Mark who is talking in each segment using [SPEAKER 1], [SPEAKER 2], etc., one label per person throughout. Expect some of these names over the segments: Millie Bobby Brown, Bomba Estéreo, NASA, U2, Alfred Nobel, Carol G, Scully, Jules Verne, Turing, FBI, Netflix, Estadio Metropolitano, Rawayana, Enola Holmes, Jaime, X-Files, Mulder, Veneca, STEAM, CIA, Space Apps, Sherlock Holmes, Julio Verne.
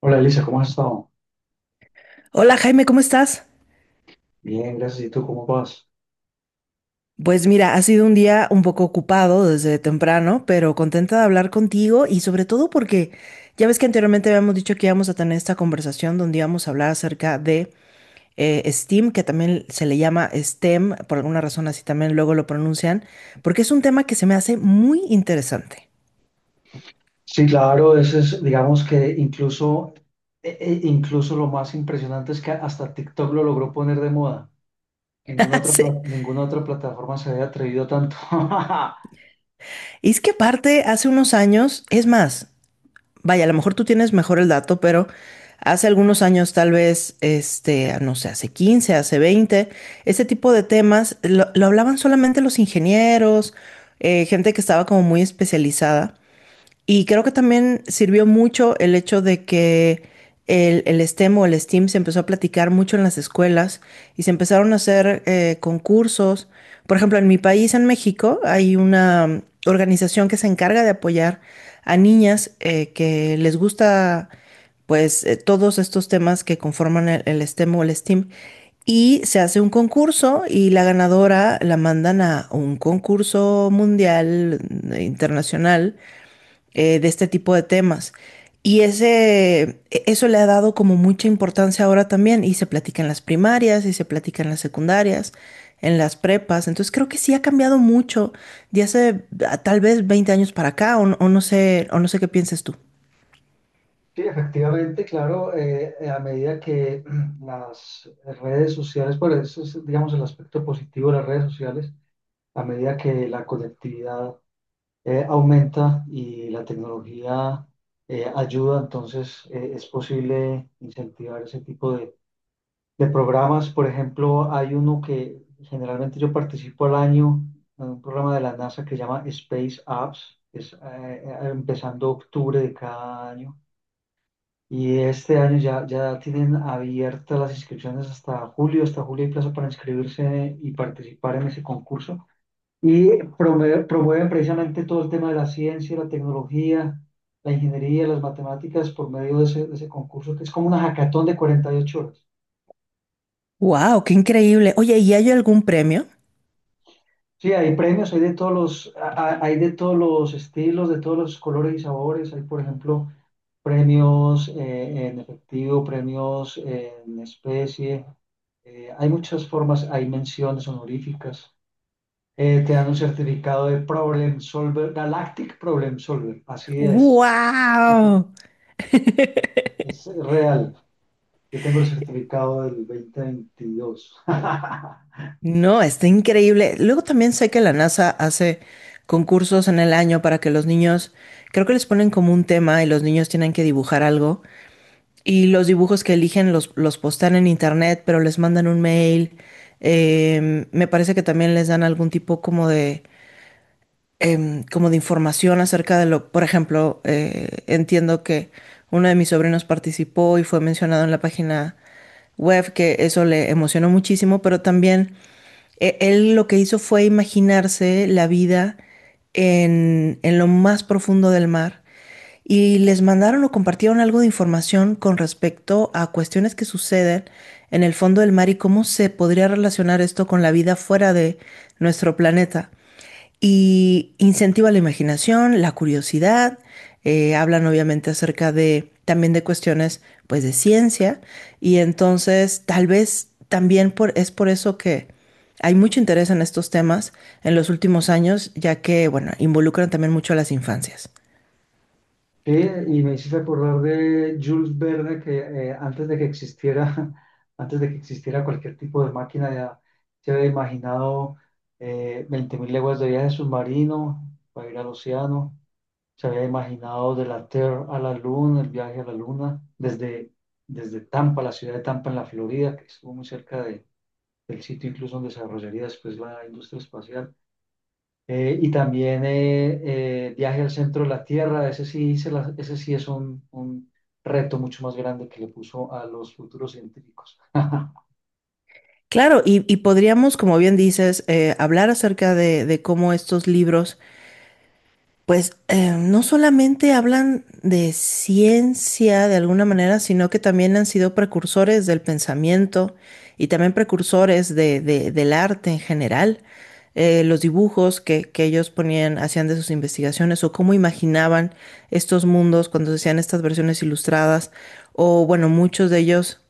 [SPEAKER 1] Hola Elisa, ¿cómo has estado?
[SPEAKER 2] Hola Jaime, ¿cómo estás?
[SPEAKER 1] Bien, gracias. ¿Y tú cómo vas?
[SPEAKER 2] Pues mira, ha sido un día un poco ocupado desde temprano, pero contenta de hablar contigo y sobre todo porque ya ves que anteriormente habíamos dicho que íbamos a tener esta conversación donde íbamos a hablar acerca de STEAM, que también se le llama STEM, por alguna razón así también luego lo pronuncian, porque es un tema que se me hace muy interesante.
[SPEAKER 1] Sí, claro, eso es, digamos que incluso, incluso lo más impresionante es que hasta TikTok lo logró poner de moda. Ninguna otra,
[SPEAKER 2] Sí.
[SPEAKER 1] ninguna otra plataforma se había atrevido tanto.
[SPEAKER 2] Y es que aparte, hace unos años, es más, vaya, a lo mejor tú tienes mejor el dato, pero hace algunos años, tal vez, no sé, hace 15, hace 20, ese tipo de temas lo hablaban solamente los ingenieros, gente que estaba como muy especializada. Y creo que también sirvió mucho el hecho de que el STEM o el STEAM se empezó a platicar mucho en las escuelas y se empezaron a hacer concursos. Por ejemplo, en mi país, en México, hay una organización que se encarga de apoyar a niñas que les gusta pues todos estos temas que conforman el STEM o el STEAM. Y se hace un concurso y la ganadora la mandan a un concurso mundial, internacional, de este tipo de temas. Y ese, eso le ha dado como mucha importancia ahora también y se platica en las primarias y se platica en las secundarias, en las prepas. Entonces creo que sí ha cambiado mucho de hace tal vez 20 años para acá o, no o no sé qué pienses tú.
[SPEAKER 1] Sí, efectivamente, claro, a medida que las redes sociales, bueno, eso es, digamos, el aspecto positivo de las redes sociales, a medida que la conectividad aumenta y la tecnología ayuda, entonces es posible incentivar ese tipo de programas. Por ejemplo, hay uno que generalmente yo participo al año, en un programa de la NASA que se llama Space Apps, que es empezando octubre de cada año. Y este año ya, ya tienen abiertas las inscripciones hasta julio hay plazo para inscribirse y participar en ese concurso. Y promueven precisamente todo el tema de la ciencia, la tecnología, la ingeniería, las matemáticas por medio de ese concurso, que es como una hackathon de 48 horas.
[SPEAKER 2] ¡Wow! ¡Qué increíble! Oye, ¿y hay algún premio?
[SPEAKER 1] Sí, hay premios, hay de todos los, hay de todos los estilos, de todos los colores y sabores. Hay, por ejemplo, premios en efectivo, premios en especie. Hay muchas formas, hay menciones honoríficas. Te dan un certificado de Problem Solver, Galactic Problem Solver, así
[SPEAKER 2] ¡Wow!
[SPEAKER 1] es real. Yo tengo el certificado del 2022.
[SPEAKER 2] No, está increíble. Luego también sé que la NASA hace concursos en el año para que los niños, creo que les ponen como un tema y los niños tienen que dibujar algo. Y los dibujos que eligen los postean en internet, pero les mandan un mail. Me parece que también les dan algún tipo como de como de información acerca de lo, por ejemplo, entiendo que uno de mis sobrinos participó y fue mencionado en la página web, que eso le emocionó muchísimo, pero también él lo que hizo fue imaginarse la vida en lo más profundo del mar y les mandaron o compartieron algo de información con respecto a cuestiones que suceden en el fondo del mar y cómo se podría relacionar esto con la vida fuera de nuestro planeta. Y incentiva la imaginación, la curiosidad, hablan obviamente acerca de también de cuestiones pues de ciencia y entonces tal vez también por, es por eso que hay mucho interés en estos temas en los últimos años, ya que, bueno, involucran también mucho a las infancias.
[SPEAKER 1] Sí, y me hice recordar de Jules Verne que antes de que existiera, antes de que existiera cualquier tipo de máquina, ya se había imaginado 20.000 leguas de viaje submarino para ir al océano. Se había imaginado de la Tierra a la Luna, el viaje a la Luna, desde, desde Tampa, la ciudad de Tampa en la Florida, que estuvo muy cerca del sitio incluso donde se desarrollaría después la industria espacial. Y también Viaje al centro de la Tierra, ese sí, ese sí es un reto mucho más grande que le puso a los futuros científicos.
[SPEAKER 2] Claro, y podríamos, como bien dices, hablar acerca de cómo estos libros pues no solamente hablan de ciencia de alguna manera, sino que también han sido precursores del pensamiento y también precursores del arte en general. Los dibujos que ellos ponían, hacían de sus investigaciones o cómo imaginaban estos mundos cuando se hacían estas versiones ilustradas. O bueno, muchos de ellos,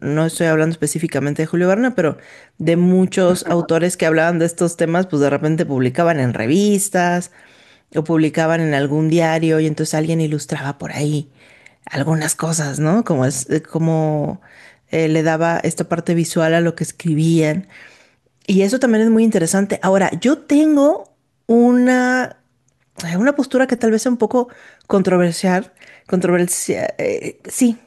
[SPEAKER 2] no estoy hablando específicamente de Julio Verne, pero de muchos autores que hablaban de estos temas, pues de repente publicaban en revistas o publicaban en algún diario y entonces alguien ilustraba por ahí algunas cosas, ¿no? Como es, como le daba esta parte visual a lo que escribían. Y eso también es muy interesante. Ahora, yo tengo una es una postura que tal vez es un poco controversial, controversia, sí,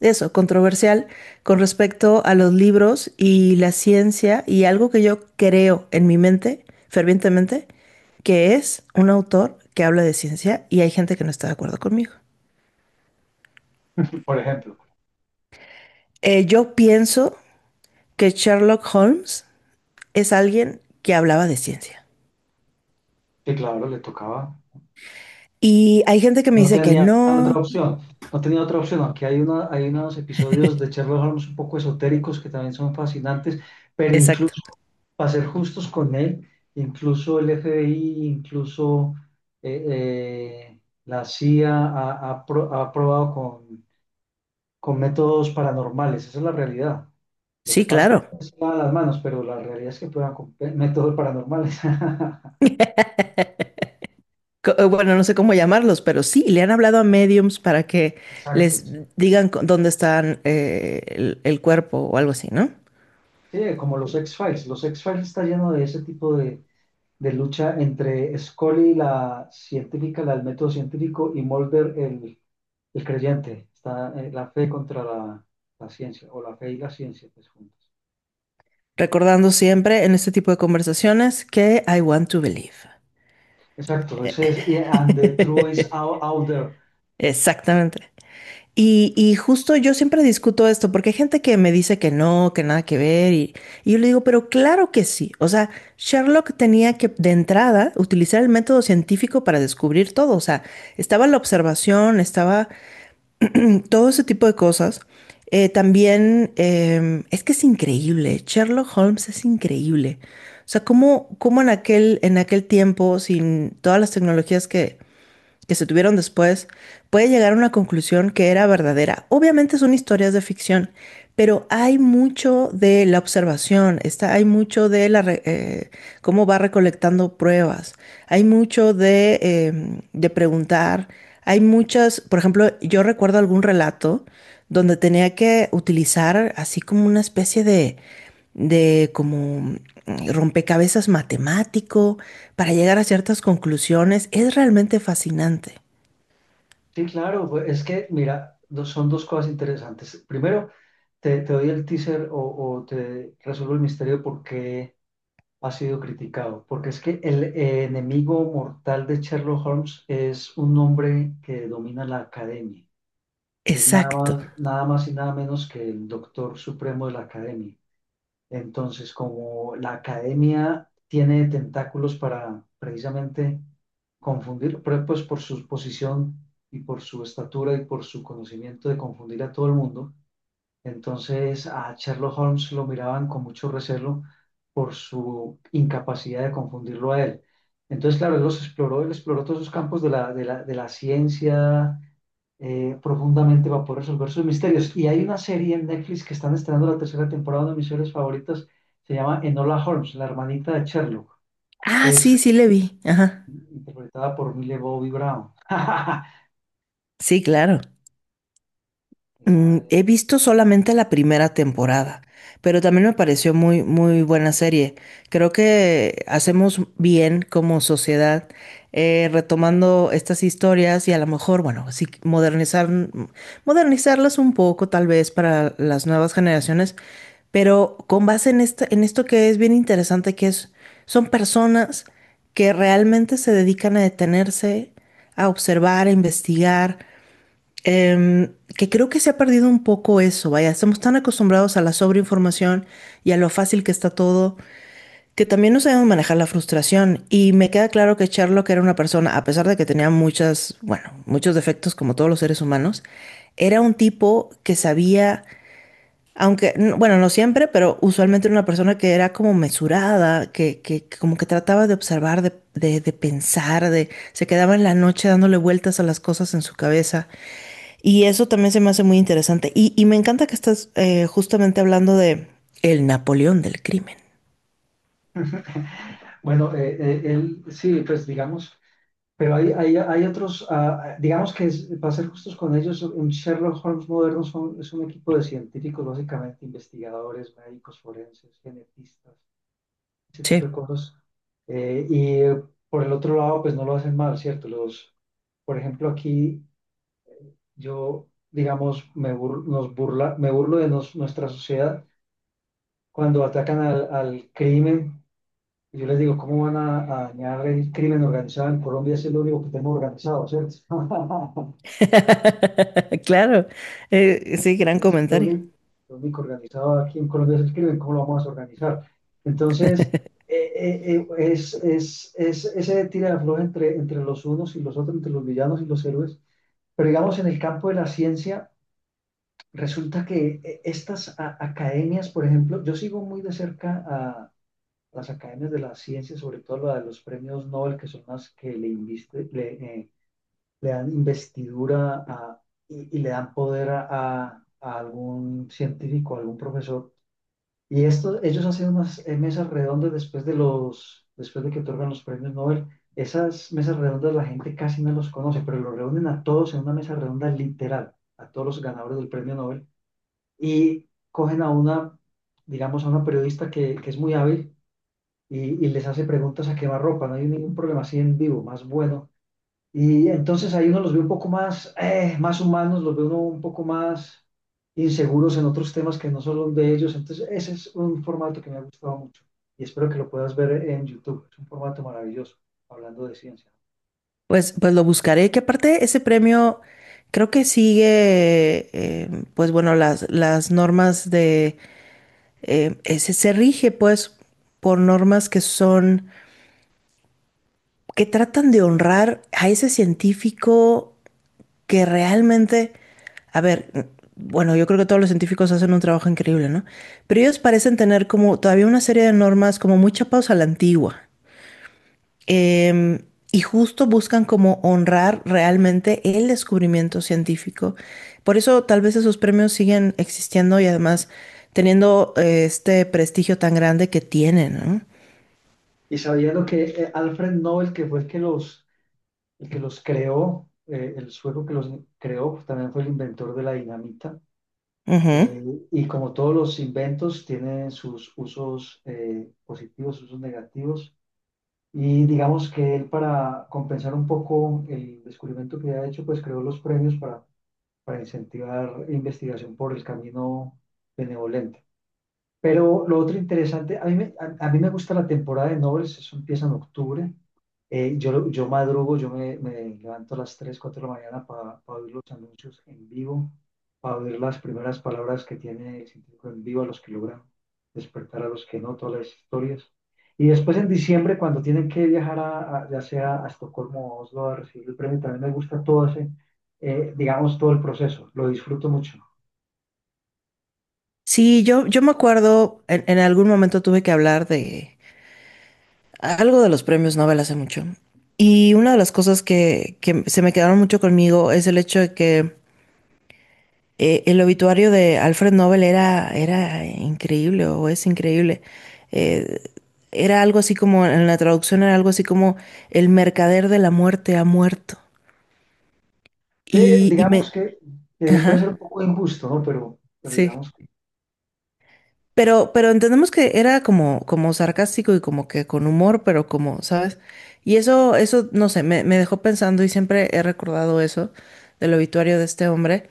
[SPEAKER 2] eso, controversial con respecto a los libros y la ciencia y algo que yo creo en mi mente fervientemente, que es un autor que habla de ciencia y hay gente que no está de acuerdo conmigo.
[SPEAKER 1] Por ejemplo,
[SPEAKER 2] Yo pienso que Sherlock Holmes es alguien que hablaba de ciencia.
[SPEAKER 1] que claro, le tocaba,
[SPEAKER 2] Y hay gente que me
[SPEAKER 1] no
[SPEAKER 2] dice que
[SPEAKER 1] tenía otra
[SPEAKER 2] no.
[SPEAKER 1] opción, no tenía otra opción, aunque hay, una, hay unos episodios de Sherlock Holmes un poco esotéricos que también son fascinantes, pero incluso,
[SPEAKER 2] Exacto.
[SPEAKER 1] para ser justos con él, incluso el FBI, incluso eh, eh, la CIA ha probado con métodos paranormales, esa es la realidad. Lo que
[SPEAKER 2] Sí,
[SPEAKER 1] pasa es
[SPEAKER 2] claro.
[SPEAKER 1] que se lavan las manos, pero la realidad es que prueban métodos paranormales.
[SPEAKER 2] Bueno, no sé cómo llamarlos, pero sí, le han hablado a mediums para que
[SPEAKER 1] Exacto.
[SPEAKER 2] les digan dónde están el cuerpo o algo así, ¿no?
[SPEAKER 1] Sí, como los X-Files. Los X-Files está lleno de ese tipo de lucha entre Scully, la científica, la del método científico, y Mulder, el creyente. Está la fe contra la, la ciencia, o la fe y la ciencia, pues juntas.
[SPEAKER 2] Recordando siempre en este tipo de conversaciones que I want to believe.
[SPEAKER 1] Exacto, ese es, yeah, and the truth is out, out there.
[SPEAKER 2] Exactamente. Y justo yo siempre discuto esto, porque hay gente que me dice que no, que nada que ver, y yo le digo, pero claro que sí. O sea, Sherlock tenía que de entrada utilizar el método científico para descubrir todo. O sea, estaba la observación, estaba todo ese tipo de cosas. También es que es increíble, Sherlock Holmes es increíble. O sea, cómo en aquel tiempo, sin todas las tecnologías que se tuvieron después, puede llegar a una conclusión que era verdadera. Obviamente son historias de ficción, pero hay mucho de la observación, está, hay mucho de la cómo va recolectando pruebas, hay mucho de preguntar, hay muchas, por ejemplo, yo recuerdo algún relato donde tenía que utilizar así como una especie de rompecabezas matemático para llegar a ciertas conclusiones. Es realmente fascinante.
[SPEAKER 1] Sí, claro, pues, es que, mira, son dos cosas interesantes. Primero, te doy el teaser o te resuelvo el misterio de por qué ha sido criticado. Porque es que el enemigo mortal de Sherlock Holmes es un hombre que domina la academia. Es nada
[SPEAKER 2] Exacto.
[SPEAKER 1] más, nada más y nada menos que el doctor supremo de la academia. Entonces, como la academia tiene tentáculos para precisamente confundir, pero pues por su posición y por su estatura y por su conocimiento de confundir a todo el mundo, entonces a Sherlock Holmes lo miraban con mucho recelo por su incapacidad de confundirlo a él. Entonces, claro, él los exploró, él exploró todos esos campos de la, de la, de la ciencia, profundamente va a poder resolver sus misterios. Y hay una serie en Netflix que están estrenando la tercera temporada, una de mis series favoritas, se llama Enola Holmes, la hermanita de Sherlock,
[SPEAKER 2] Ah,
[SPEAKER 1] que es
[SPEAKER 2] sí, sí le vi. Ajá.
[SPEAKER 1] interpretada por Millie Bobby Brown.
[SPEAKER 2] Sí, claro.
[SPEAKER 1] Esa.
[SPEAKER 2] Mm, he visto solamente la primera temporada, pero también me pareció muy, muy buena serie. Creo que hacemos bien como sociedad retomando estas historias y a lo mejor, bueno, sí, modernizar, modernizarlas un poco tal vez para las nuevas generaciones. Pero con base en en esto que es bien interesante, que es, son personas que realmente se dedican a detenerse, a observar, a investigar, que creo que se ha perdido un poco eso, vaya, estamos tan acostumbrados a la sobreinformación y a lo fácil que está todo, que también no sabemos manejar la frustración. Y me queda claro que Sherlock era una persona, a pesar de que tenía muchas, bueno, muchos defectos como todos los seres humanos, era un tipo que sabía aunque, bueno, no siempre, pero usualmente era una persona que era como mesurada, que como que trataba de observar, de pensar, de, se quedaba en la noche dándole vueltas a las cosas en su cabeza. Y eso también se me hace muy interesante. Y me encanta que estás justamente hablando de el Napoleón del crimen.
[SPEAKER 1] Bueno, él sí, pues digamos, pero hay otros, digamos que para ser justos con ellos, un Sherlock Holmes moderno son, es un equipo de científicos, básicamente investigadores, médicos forenses, genetistas ese
[SPEAKER 2] Sí.
[SPEAKER 1] tipo de cosas. Y por el otro lado, pues no lo hacen mal, ¿cierto? Los, por ejemplo, aquí yo, digamos, me, nos burla, me burlo de nuestra sociedad cuando atacan al, al crimen. Yo les digo, ¿cómo van a dañar el crimen organizado en Colombia? Ese es lo único que tenemos organizado, ¿cierto?
[SPEAKER 2] Claro. Sí,
[SPEAKER 1] Correcto,
[SPEAKER 2] gran
[SPEAKER 1] es
[SPEAKER 2] comentario.
[SPEAKER 1] lo único organizado aquí en Colombia es el crimen, ¿cómo lo vamos a organizar? Entonces, eh, eh, eh, es ese tira de afloja entre, entre los unos y los otros, entre los villanos y los héroes. Pero digamos, en el campo de la ciencia, resulta que estas academias, por ejemplo, yo sigo muy de cerca a las academias de la ciencia, sobre todo la de los premios Nobel, que son las que le, le, le dan investidura y le dan poder a, a algún científico, a algún profesor. Y esto, ellos hacen unas mesas redondas después de los, después de que otorgan los premios Nobel. Esas mesas redondas la gente casi no los conoce, pero los reúnen a todos en una mesa redonda literal, a todos los ganadores del premio Nobel, y cogen a una, digamos, a una periodista que es muy hábil y, y les hace preguntas a quemarropa, no hay ningún problema así en vivo, más bueno, y entonces ahí uno los ve un poco más, más humanos, los ve uno un poco más inseguros en otros temas que no son los de ellos. Entonces ese es un formato que me ha gustado mucho y espero que lo puedas ver en YouTube. Es un formato maravilloso, hablando de ciencia.
[SPEAKER 2] Pues, pues lo buscaré, que aparte ese premio creo que sigue, pues bueno, las normas de, ese, se rige pues por normas que son, que tratan de honrar a ese científico que realmente, a ver, bueno, yo creo que todos los científicos hacen un trabajo increíble, ¿no? Pero ellos parecen tener como todavía una serie de normas como muy chapados a la antigua. Em, y justo buscan como honrar realmente el descubrimiento científico. Por eso tal vez esos premios siguen existiendo y además teniendo este prestigio tan grande que tienen, ¿no?
[SPEAKER 1] Y sabiendo que Alfred Nobel, que fue el que los creó, el sueco que los creó, pues, también fue el inventor de la dinamita.
[SPEAKER 2] Ujú.
[SPEAKER 1] Eh, y como todos los inventos, tienen sus usos positivos, usos negativos. Y digamos que él para compensar un poco el descubrimiento que había hecho, pues creó los premios para incentivar investigación por el camino benevolente. Pero lo otro interesante, a mí me gusta la temporada de nobles, eso empieza en octubre. Yo, yo madrugo, yo me, me levanto a las 3 4 de la mañana para oír los anuncios en vivo, para oír las primeras palabras que tiene el científico en vivo, a los que logran despertar, a los que no, todas las historias. Y después en diciembre, cuando tienen que viajar a, ya sea a Estocolmo o a Oslo a recibir el premio, también me gusta todo ese, digamos, todo el proceso, lo disfruto mucho.
[SPEAKER 2] Sí, yo me acuerdo, en algún momento tuve que hablar de algo de los premios Nobel hace mucho. Y una de las cosas que se me quedaron mucho conmigo es el hecho de que el obituario de Alfred Nobel era, era increíble o es increíble. Eh, Era algo así como, en la traducción era algo así como el mercader de la muerte ha muerto.
[SPEAKER 1] Sí,
[SPEAKER 2] Y
[SPEAKER 1] digamos
[SPEAKER 2] me.
[SPEAKER 1] que puede ser un
[SPEAKER 2] Ajá,
[SPEAKER 1] poco injusto, ¿no? Pero
[SPEAKER 2] sí.
[SPEAKER 1] digamos que,
[SPEAKER 2] Pero entendemos que era como, como sarcástico y como que con humor, pero como, ¿sabes? Y eso, no sé, me dejó pensando y siempre he recordado eso del obituario de este hombre.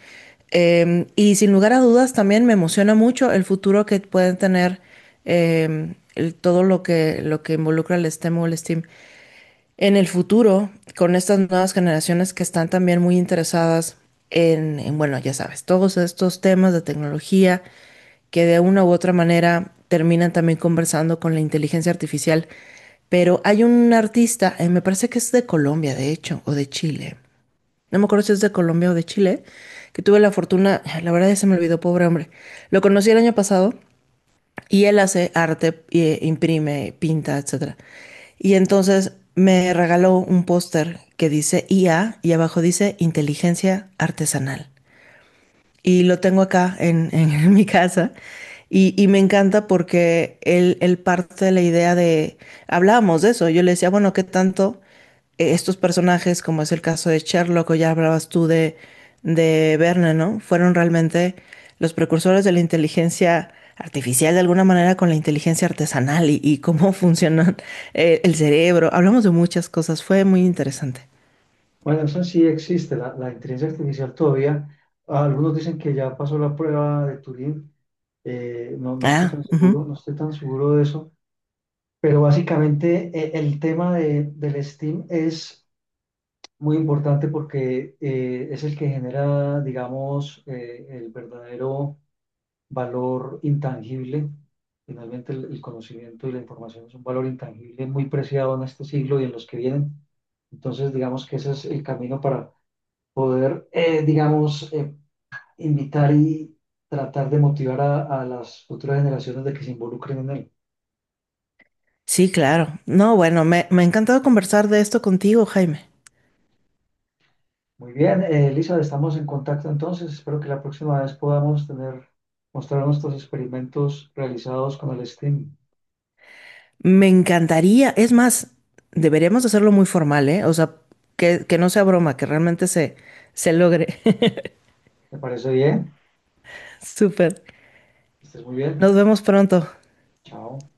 [SPEAKER 2] Y sin lugar a dudas también me emociona mucho el futuro que pueden tener todo lo que involucra el STEM o el STEAM. En el futuro, con estas nuevas generaciones que están también muy interesadas en, bueno, ya sabes, todos estos temas de tecnología que de una u otra manera terminan también conversando con la inteligencia artificial. Pero hay un artista, me parece que es de Colombia, de hecho, o de Chile. No me acuerdo si es de Colombia o de Chile, que tuve la fortuna, la verdad ya se me olvidó, pobre hombre. Lo conocí el año pasado y él hace arte, imprime, pinta, etcétera. Y entonces me regaló un póster que dice IA y abajo dice inteligencia artesanal y lo tengo acá en mi casa. Y me encanta porque él parte de la idea de, hablábamos de eso, yo le decía, bueno, ¿qué tanto estos personajes, como es el caso de Sherlock o ya hablabas tú de Verne, ¿no? Fueron realmente los precursores de la inteligencia artificial de alguna manera con la inteligencia artesanal y cómo funciona el cerebro. Hablamos de muchas cosas, fue muy interesante.
[SPEAKER 1] bueno, eso sí existe, la inteligencia artificial todavía. Algunos dicen que ya pasó la prueba de Turing, no, no estoy
[SPEAKER 2] Ah,
[SPEAKER 1] tan seguro,
[SPEAKER 2] ujú.
[SPEAKER 1] no estoy tan seguro de eso, pero básicamente el tema de, del STEAM es muy importante porque es el que genera, digamos, el verdadero valor intangible. Finalmente, el conocimiento y la información es un valor intangible muy preciado en este siglo y en los que vienen. Entonces, digamos que ese es el camino para, digamos, invitar y tratar de motivar a las futuras generaciones de que se involucren en él.
[SPEAKER 2] Sí, claro. No, bueno, me ha encantado conversar de esto contigo, Jaime.
[SPEAKER 1] Muy bien, Elizabeth, estamos en contacto entonces. Espero que la próxima vez podamos tener, mostrar nuestros experimentos realizados con el STEAM.
[SPEAKER 2] Me encantaría, es más, deberíamos hacerlo muy formal, ¿eh? O sea, que no sea broma, que realmente se logre.
[SPEAKER 1] ¿Te parece bien?
[SPEAKER 2] Súper.
[SPEAKER 1] Estés muy bien.
[SPEAKER 2] Nos vemos pronto.
[SPEAKER 1] Chao.